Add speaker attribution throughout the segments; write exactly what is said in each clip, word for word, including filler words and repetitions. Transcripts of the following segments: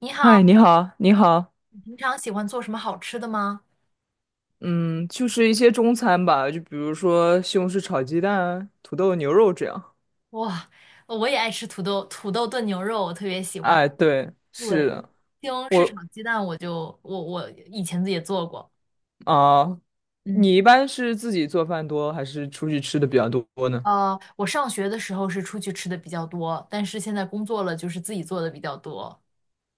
Speaker 1: 你好，
Speaker 2: 嗨，你好，你好，
Speaker 1: 你平常喜欢做什么好吃的吗？
Speaker 2: 嗯，就是一些中餐吧，就比如说西红柿炒鸡蛋、土豆牛肉这样。
Speaker 1: 哇，我也爱吃土豆土豆炖牛肉，我特别喜欢。
Speaker 2: 哎，对，是
Speaker 1: 对，
Speaker 2: 的，
Speaker 1: 西红柿炒
Speaker 2: 我
Speaker 1: 鸡蛋，我就我我以前自己也做过。
Speaker 2: 啊，
Speaker 1: 嗯，
Speaker 2: 你一般是自己做饭多，还是出去吃的比较多呢？
Speaker 1: 呃，我上学的时候是出去吃的比较多，但是现在工作了，就是自己做的比较多。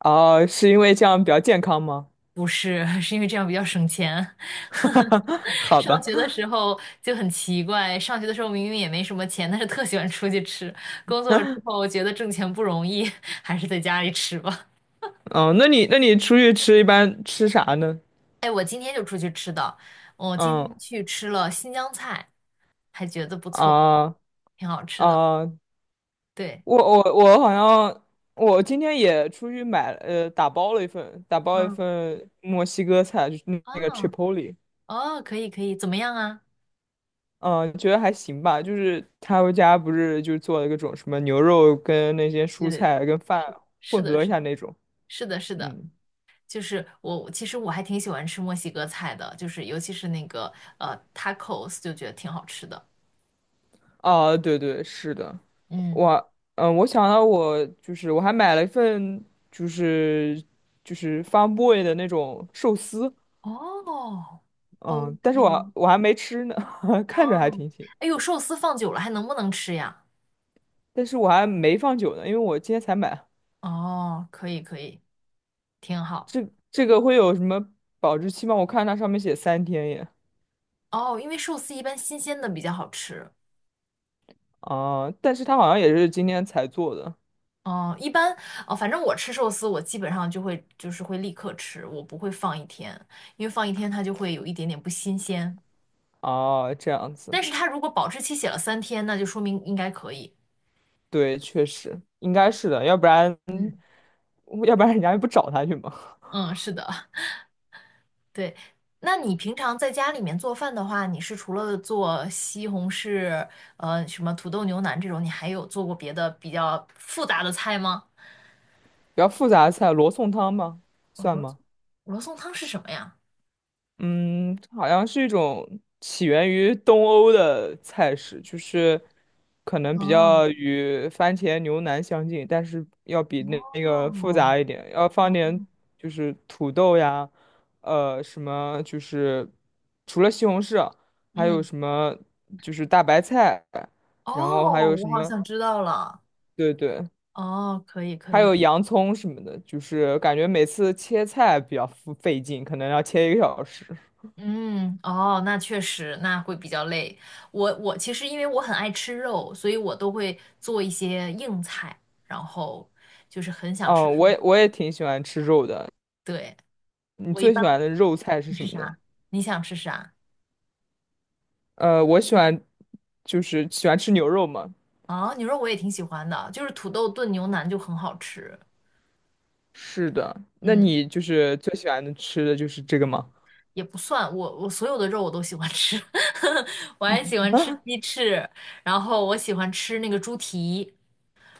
Speaker 2: 哦，是因为这样比较健康吗？
Speaker 1: 不是，是因为这样比较省钱。
Speaker 2: 好
Speaker 1: 上
Speaker 2: 吧，
Speaker 1: 学的时候就很奇怪，上学的时候明明也没什么钱，但是特喜欢出去吃。工作了之后觉得挣钱不容易，还是在家里吃吧。
Speaker 2: 嗯，那你那你出去吃一般吃啥呢？
Speaker 1: 哎，我今天就出去吃的，我今天
Speaker 2: 嗯
Speaker 1: 去吃了新疆菜，还觉得不错，
Speaker 2: 啊
Speaker 1: 挺好吃的。
Speaker 2: 啊，
Speaker 1: 对，
Speaker 2: 我我我好像我今天也出去买了呃打包了一份打包一
Speaker 1: 嗯，
Speaker 2: 份墨西哥菜，就是那个
Speaker 1: 啊
Speaker 2: Chipotle,
Speaker 1: 哦，可以可以，怎么样啊？
Speaker 2: 嗯，觉得还行吧。就是他们家不是就做了各种什么牛肉跟那些
Speaker 1: 对
Speaker 2: 蔬
Speaker 1: 对对，
Speaker 2: 菜跟饭
Speaker 1: 是
Speaker 2: 混
Speaker 1: 的，
Speaker 2: 合一
Speaker 1: 是的，
Speaker 2: 下那种，
Speaker 1: 是的，是的，是的
Speaker 2: 嗯，
Speaker 1: 就是我其实我还挺喜欢吃墨西哥菜的，就是尤其是那个呃 tacos，就觉得挺好吃的。
Speaker 2: 啊，对对，是的，
Speaker 1: 嗯，
Speaker 2: 我嗯、呃我想到我就是我还买了一份就是就是 Farm Boy 的那种寿司，
Speaker 1: 哦
Speaker 2: 嗯，
Speaker 1: ，OK，
Speaker 2: 但是我我还没吃呢，看着
Speaker 1: 哦，
Speaker 2: 还挺行。
Speaker 1: 哎呦，寿司放久了还能不能吃呀？
Speaker 2: 但是我还没放久呢，因为我今天才买。
Speaker 1: 哦，可以可以，挺好。
Speaker 2: 这这个会有什么保质期吗？我看它上面写三天耶。
Speaker 1: 哦，因为寿司一般新鲜的比较好吃。
Speaker 2: 啊，但是它好像也是今天才做的。
Speaker 1: 哦，一般哦，反正我吃寿司，我基本上就会就是会立刻吃，我不会放一天，因为放一天它就会有一点点不新鲜。
Speaker 2: 哦，这样子，
Speaker 1: 但是它如果保质期写了三天，那就说明应该可以。
Speaker 2: 对，确实应该是的，要不然
Speaker 1: 嗯，
Speaker 2: 要不然人家也不找他去嘛。
Speaker 1: 嗯，是的，对。那你平常在家里面做饭的话，你是除了做西红柿，呃，什么土豆牛腩这种，你还有做过别的比较复杂的菜吗？
Speaker 2: 比较复杂的菜，罗宋汤吗？
Speaker 1: 我
Speaker 2: 算
Speaker 1: 说
Speaker 2: 吗？
Speaker 1: 罗宋汤是什么呀？
Speaker 2: 嗯，好像是一种起源于东欧的菜式，就是可能比
Speaker 1: 哦
Speaker 2: 较与番茄牛腩相近，但是要比那那个复
Speaker 1: 哦，
Speaker 2: 杂一点，要放
Speaker 1: 哦
Speaker 2: 点就是土豆呀，呃，什么就是除了西红柿啊，还有
Speaker 1: 嗯，
Speaker 2: 什么就是大白菜，然后还
Speaker 1: 哦，
Speaker 2: 有
Speaker 1: 我
Speaker 2: 什
Speaker 1: 好
Speaker 2: 么，
Speaker 1: 像知道了。
Speaker 2: 对对，
Speaker 1: 哦，可以可
Speaker 2: 还
Speaker 1: 以。
Speaker 2: 有洋葱什么的，就是感觉每次切菜比较费劲，可能要切一个小时。
Speaker 1: 嗯，哦，那确实，那会比较累。我我其实因为我很爱吃肉，所以我都会做一些硬菜，然后就是很想
Speaker 2: 哦，
Speaker 1: 吃什
Speaker 2: 我
Speaker 1: 么
Speaker 2: 也我也挺喜欢吃肉的。
Speaker 1: 对，
Speaker 2: 你
Speaker 1: 我一
Speaker 2: 最喜
Speaker 1: 般
Speaker 2: 欢的肉菜是
Speaker 1: 你
Speaker 2: 什
Speaker 1: 吃
Speaker 2: 么呢？
Speaker 1: 啥？你想吃啥？
Speaker 2: 呃，我喜欢就是喜欢吃牛肉嘛。
Speaker 1: 啊，牛肉我也挺喜欢的，就是土豆炖牛腩就很好吃。
Speaker 2: 是的，那
Speaker 1: 嗯，
Speaker 2: 你就是最喜欢的吃的就是这个吗？
Speaker 1: 也不算，我我所有的肉我都喜欢吃，我还喜欢吃鸡翅，然后我喜欢吃那个猪蹄。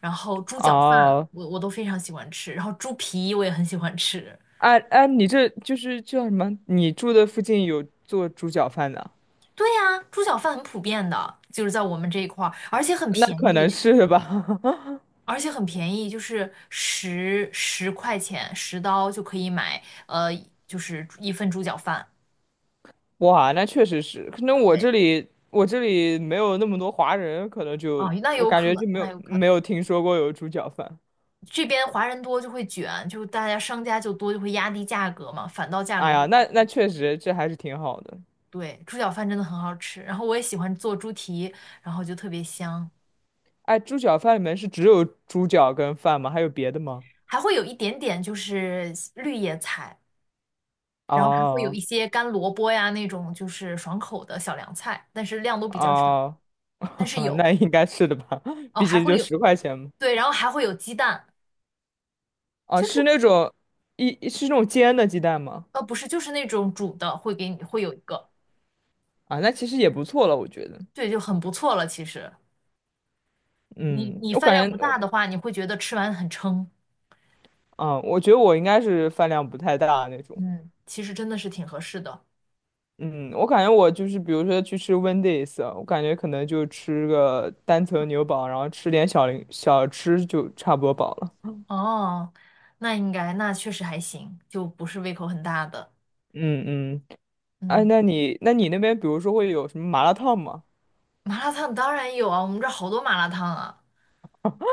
Speaker 1: 然后猪脚饭
Speaker 2: 哦，
Speaker 1: 我我都非常喜欢吃，然后猪皮我也很喜欢吃。
Speaker 2: 哎哎，你这就是叫什么？你住的附近有做猪脚饭的？
Speaker 1: 对呀，猪脚饭很普遍的，就是在我们这一块儿，而且很
Speaker 2: 那
Speaker 1: 便
Speaker 2: 可能
Speaker 1: 宜，
Speaker 2: 是吧。
Speaker 1: 而且很便宜，就是十十块钱十刀就可以买，呃，就是一份猪脚饭。
Speaker 2: 哇，那确实是，可能我
Speaker 1: 对，
Speaker 2: 这里我这里没有那么多华人，可能就
Speaker 1: 哦，那
Speaker 2: 我
Speaker 1: 有
Speaker 2: 感觉
Speaker 1: 可
Speaker 2: 就没
Speaker 1: 那
Speaker 2: 有
Speaker 1: 有可
Speaker 2: 没
Speaker 1: 能，
Speaker 2: 有听说过有猪脚饭。
Speaker 1: 这边华人多就会卷，就大家商家就多就会压低价格嘛，反倒价
Speaker 2: 哎
Speaker 1: 格会
Speaker 2: 呀，那那确实这还是挺好的。
Speaker 1: 对，猪脚饭真的很好吃，然后我也喜欢做猪蹄，然后就特别香。
Speaker 2: 哎，猪脚饭里面是只有猪脚跟饭吗？还有别的吗？
Speaker 1: 还会有一点点就是绿叶菜，然后还会有一
Speaker 2: 哦
Speaker 1: 些干萝卜呀那种就是爽口的小凉菜，但是量都比较少，
Speaker 2: 哦，
Speaker 1: 但是 有
Speaker 2: 那应该是的吧，
Speaker 1: 哦，
Speaker 2: 毕
Speaker 1: 还
Speaker 2: 竟
Speaker 1: 会
Speaker 2: 就
Speaker 1: 有
Speaker 2: 十块钱嘛。
Speaker 1: 对，然后还会有鸡蛋，
Speaker 2: 啊，
Speaker 1: 就是
Speaker 2: 是那种一是那种煎的鸡蛋吗？
Speaker 1: 呃不是就是那种煮的会给你会有一个，
Speaker 2: 啊，那其实也不错了，我觉得。
Speaker 1: 对，就很不错了。其实你
Speaker 2: 嗯，
Speaker 1: 你
Speaker 2: 我
Speaker 1: 饭量
Speaker 2: 感
Speaker 1: 不
Speaker 2: 觉我，
Speaker 1: 大的话，你会觉得吃完很撑，
Speaker 2: 啊，我觉得我应该是饭量不太大那种。
Speaker 1: 嗯，其实真的是挺合适的
Speaker 2: 嗯，我感觉我就是，比如说去吃 Wendy's，啊我感觉可能就吃个单层牛堡，然后吃点小零小吃就差不多饱了。
Speaker 1: 哦。那应该那确实还行，就不是胃口很大的，
Speaker 2: 嗯嗯哎，
Speaker 1: 嗯。
Speaker 2: 那你那你那边比如说会有什么麻辣烫吗？
Speaker 1: 麻辣烫当然有啊，我们这儿好多麻辣烫啊。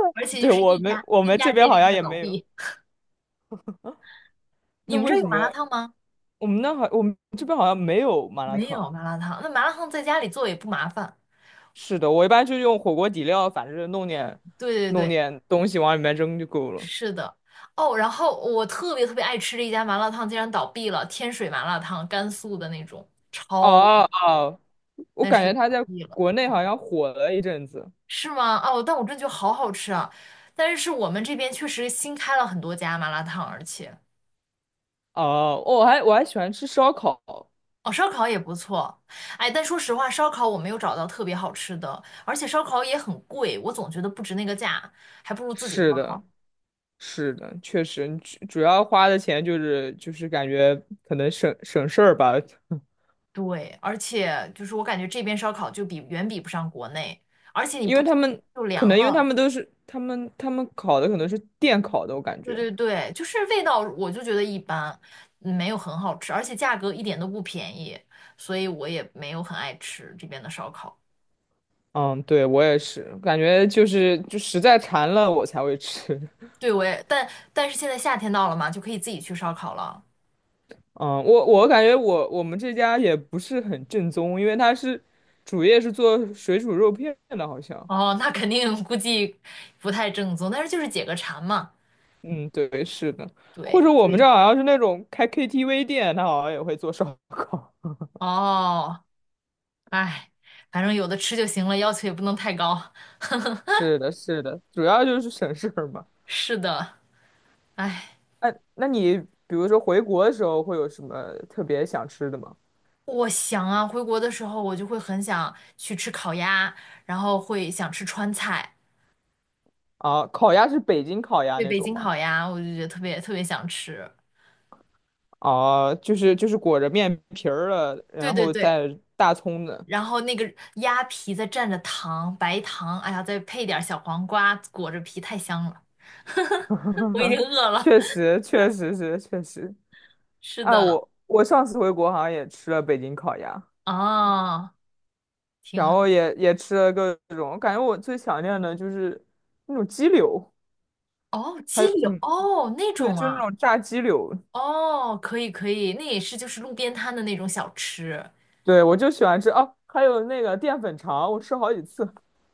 Speaker 1: 而且就
Speaker 2: 对，
Speaker 1: 是
Speaker 2: 我
Speaker 1: 一
Speaker 2: 们
Speaker 1: 家
Speaker 2: 我
Speaker 1: 一
Speaker 2: 们
Speaker 1: 家
Speaker 2: 这边
Speaker 1: 接着
Speaker 2: 好
Speaker 1: 一
Speaker 2: 像
Speaker 1: 家
Speaker 2: 也
Speaker 1: 倒
Speaker 2: 没有。
Speaker 1: 闭。你
Speaker 2: 那
Speaker 1: 们这
Speaker 2: 为
Speaker 1: 儿
Speaker 2: 什
Speaker 1: 有麻辣
Speaker 2: 么
Speaker 1: 烫吗？
Speaker 2: 我们那好我们这边好像没有麻辣
Speaker 1: 没有
Speaker 2: 烫？
Speaker 1: 麻辣烫，那麻辣烫在家里做也不麻烦。
Speaker 2: 是的，我一般就用火锅底料，反正弄点
Speaker 1: 对对
Speaker 2: 弄
Speaker 1: 对，
Speaker 2: 点东西往里面扔就够了。
Speaker 1: 是的。哦，然后我特别特别爱吃的一家麻辣烫竟然倒闭了，天水麻辣烫，甘肃的那种，超，
Speaker 2: 哦哦，我
Speaker 1: 但
Speaker 2: 感
Speaker 1: 是
Speaker 2: 觉它
Speaker 1: 倒
Speaker 2: 在
Speaker 1: 闭了，
Speaker 2: 国内好像火了一阵子。
Speaker 1: 是吗？哦，但我真觉得好好吃啊。但是我们这边确实新开了很多家麻辣烫，而且。
Speaker 2: 哦，我还我还喜欢吃烧烤。
Speaker 1: 哦，烧烤也不错，哎，但说实话，烧烤我没有找到特别好吃的，而且烧烤也很贵，我总觉得不值那个价，还不如自己
Speaker 2: 是
Speaker 1: 烧
Speaker 2: 的，
Speaker 1: 烤。
Speaker 2: 是的，确实，主主要花的钱就是就是感觉可能省省事儿吧。
Speaker 1: 对，而且就是我感觉这边烧烤就比远比不上国内，而且你
Speaker 2: 因
Speaker 1: 不
Speaker 2: 为
Speaker 1: 吃
Speaker 2: 他们
Speaker 1: 就
Speaker 2: 可
Speaker 1: 凉
Speaker 2: 能因为他
Speaker 1: 了。
Speaker 2: 们都是他们他们烤的可能是电烤的，我感
Speaker 1: 对
Speaker 2: 觉。
Speaker 1: 对对，就是味道我就觉得一般，嗯没有很好吃，而且价格一点都不便宜，所以我也没有很爱吃这边的烧烤。
Speaker 2: 嗯，对，我也是，感觉就是就实在馋了我才会吃。
Speaker 1: 对，我也，但但是现在夏天到了嘛，就可以自己去烧烤了。
Speaker 2: 嗯，我我感觉我我们这家也不是很正宗，因为他是主业是做水煮肉片的，好像。
Speaker 1: 哦，那肯定估计不太正宗，但是就是解个馋嘛。
Speaker 2: 嗯，对，是的。或
Speaker 1: 对，
Speaker 2: 者我们这
Speaker 1: 对，
Speaker 2: 儿好像是那种开 K T V 店，他好像也会做烧烤。
Speaker 1: 哦，哎，反正有的吃就行了，要求也不能太高。
Speaker 2: 是的，是的，主要就是省事儿嘛。
Speaker 1: 是的，哎，
Speaker 2: 哎，那你比如说回国的时候会有什么特别想吃的吗？
Speaker 1: 我想啊，回国的时候我就会很想去吃烤鸭，然后会想吃川菜，
Speaker 2: 啊，烤鸭是北京烤鸭
Speaker 1: 对，
Speaker 2: 那
Speaker 1: 北
Speaker 2: 种
Speaker 1: 京
Speaker 2: 吗？
Speaker 1: 烤鸭，我就觉得特别特别想吃。
Speaker 2: 啊，就是就是裹着面皮儿的，
Speaker 1: 对
Speaker 2: 然
Speaker 1: 对
Speaker 2: 后
Speaker 1: 对，
Speaker 2: 带大葱的。
Speaker 1: 然后那个鸭皮再蘸着糖，白糖，哎呀，再配点儿小黄瓜，裹着皮，太香了。我已经 饿了。
Speaker 2: 确实，确实是，确实。
Speaker 1: 是
Speaker 2: 啊，
Speaker 1: 的，
Speaker 2: 我我上次回国好像也吃了北京烤鸭，
Speaker 1: 啊。挺
Speaker 2: 然
Speaker 1: 啊，
Speaker 2: 后也也吃了各种，我感觉我最想念的就是那种鸡柳，
Speaker 1: 哦，
Speaker 2: 还
Speaker 1: 鸡
Speaker 2: 有
Speaker 1: 柳，
Speaker 2: 嗯，
Speaker 1: 哦，那
Speaker 2: 对，
Speaker 1: 种
Speaker 2: 就那
Speaker 1: 啊，
Speaker 2: 种炸鸡柳，
Speaker 1: 哦，可以可以，那也是就是路边摊的那种小吃。
Speaker 2: 对，我就喜欢吃哦，还有那个淀粉肠，我吃好几次。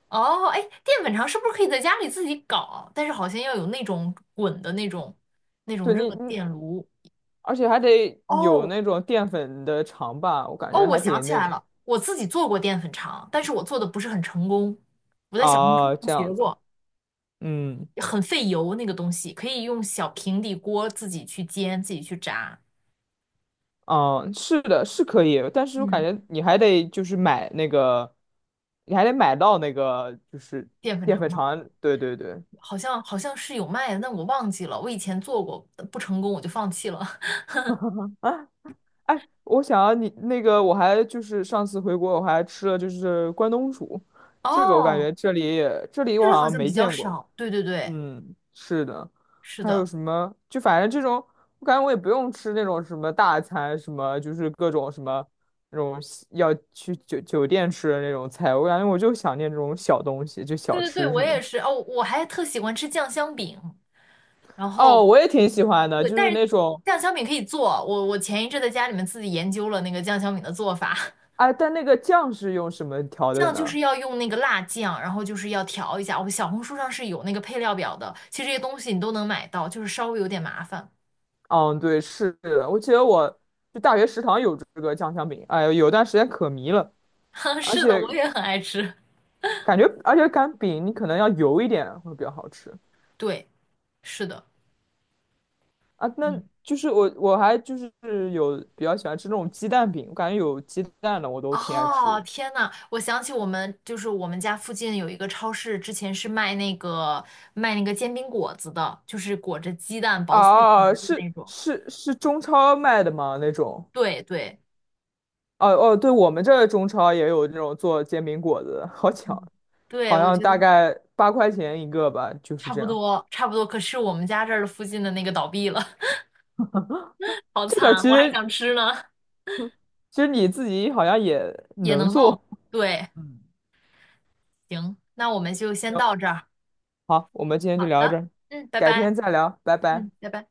Speaker 1: 哦，哎，淀粉肠是不是可以在家里自己搞？但是好像要有那种滚的那种那种
Speaker 2: 对你
Speaker 1: 热
Speaker 2: 你，
Speaker 1: 电炉。
Speaker 2: 而且还得有
Speaker 1: 哦
Speaker 2: 那种淀粉的肠吧，我感
Speaker 1: 哦，
Speaker 2: 觉
Speaker 1: 我
Speaker 2: 还
Speaker 1: 想
Speaker 2: 挺
Speaker 1: 起
Speaker 2: 那
Speaker 1: 来
Speaker 2: 个。
Speaker 1: 了，我自己做过淀粉肠，但是我做的不是很成功。我在小红书
Speaker 2: 啊，
Speaker 1: 上
Speaker 2: 这
Speaker 1: 学
Speaker 2: 样子，
Speaker 1: 过，
Speaker 2: 嗯
Speaker 1: 很费油那个东西，可以用小平底锅自己去煎，自己去炸。
Speaker 2: 嗯，是的，是可以，但是我感
Speaker 1: 嗯，
Speaker 2: 觉你还得就是买那个，你还得买到那个就是
Speaker 1: 淀粉
Speaker 2: 淀
Speaker 1: 肠
Speaker 2: 粉
Speaker 1: 吗？
Speaker 2: 肠，对对对。
Speaker 1: 好像好像是有卖的，但我忘记了。我以前做过，不成功我就放弃了。
Speaker 2: 啊，哎，我想要你那个，我还就是上次回国，我还吃了就是关东煮，这个我感
Speaker 1: 哦，
Speaker 2: 觉这里也这里
Speaker 1: 这
Speaker 2: 我
Speaker 1: 个
Speaker 2: 好
Speaker 1: 好
Speaker 2: 像
Speaker 1: 像
Speaker 2: 没
Speaker 1: 比较
Speaker 2: 见过。
Speaker 1: 少。对对对，
Speaker 2: 嗯，是的，
Speaker 1: 是
Speaker 2: 还有
Speaker 1: 的，
Speaker 2: 什么？就反正这种，我感觉我也不用吃那种什么大餐，什么就是各种什么那种西要去酒酒店吃的那种菜，我感觉我就想念这种小东西，就
Speaker 1: 对
Speaker 2: 小
Speaker 1: 对对，
Speaker 2: 吃什
Speaker 1: 我
Speaker 2: 么的。
Speaker 1: 也是。哦，我还特喜欢吃酱香饼，然后
Speaker 2: 哦，我也挺喜欢的，
Speaker 1: 对，
Speaker 2: 就是
Speaker 1: 但是
Speaker 2: 那种。
Speaker 1: 酱香饼可以做。我我前一阵在家里面自己研究了那个酱香饼的做法，
Speaker 2: 哎，但那个酱是用什么 调的
Speaker 1: 酱就是
Speaker 2: 呢？
Speaker 1: 要用那个辣酱，然后就是要调一下。我小红书上是有那个配料表的，其实这些东西你都能买到，就是稍微有点麻烦。
Speaker 2: 嗯，对，是的，我记得我就大学食堂有这个酱香饼，哎呦，有段时间可迷了，而
Speaker 1: 是的，我
Speaker 2: 且
Speaker 1: 也很爱吃。
Speaker 2: 感觉，而且擀饼你可能要油一点会比较好吃
Speaker 1: 对，是的。
Speaker 2: 啊。那
Speaker 1: 嗯。
Speaker 2: 就是我我还就是有比较喜欢吃那种鸡蛋饼，我感觉有鸡蛋的我都挺爱
Speaker 1: 哦，
Speaker 2: 吃。
Speaker 1: 天呐，我想起我们就是我们家附近有一个超市，之前是卖那个卖那个煎饼果子的，就是裹着鸡蛋
Speaker 2: 啊，
Speaker 1: 薄脆皮
Speaker 2: 啊啊
Speaker 1: 儿的
Speaker 2: 是
Speaker 1: 那种。
Speaker 2: 是是中超卖的吗？那种？
Speaker 1: 对对
Speaker 2: 哦哦，对，我们这儿中超也有这种做煎饼果子的好巧，
Speaker 1: 对，
Speaker 2: 好
Speaker 1: 我
Speaker 2: 像
Speaker 1: 觉
Speaker 2: 大
Speaker 1: 得
Speaker 2: 概八块钱一个吧，就是
Speaker 1: 差
Speaker 2: 这
Speaker 1: 不
Speaker 2: 样。
Speaker 1: 多差不多。可是我们家这儿的附近的那个倒闭了，好
Speaker 2: 这个其
Speaker 1: 惨，我还
Speaker 2: 实
Speaker 1: 想吃呢，
Speaker 2: 其实你自己好像也
Speaker 1: 也
Speaker 2: 能
Speaker 1: 能
Speaker 2: 做。
Speaker 1: 弄。对，
Speaker 2: 嗯，
Speaker 1: 行，那我们就先
Speaker 2: 行
Speaker 1: 到这儿。
Speaker 2: 好，我们今天就
Speaker 1: 好
Speaker 2: 聊到这
Speaker 1: 的，
Speaker 2: 儿，
Speaker 1: 嗯，拜
Speaker 2: 改
Speaker 1: 拜，
Speaker 2: 天再聊，拜拜。
Speaker 1: 嗯，拜拜。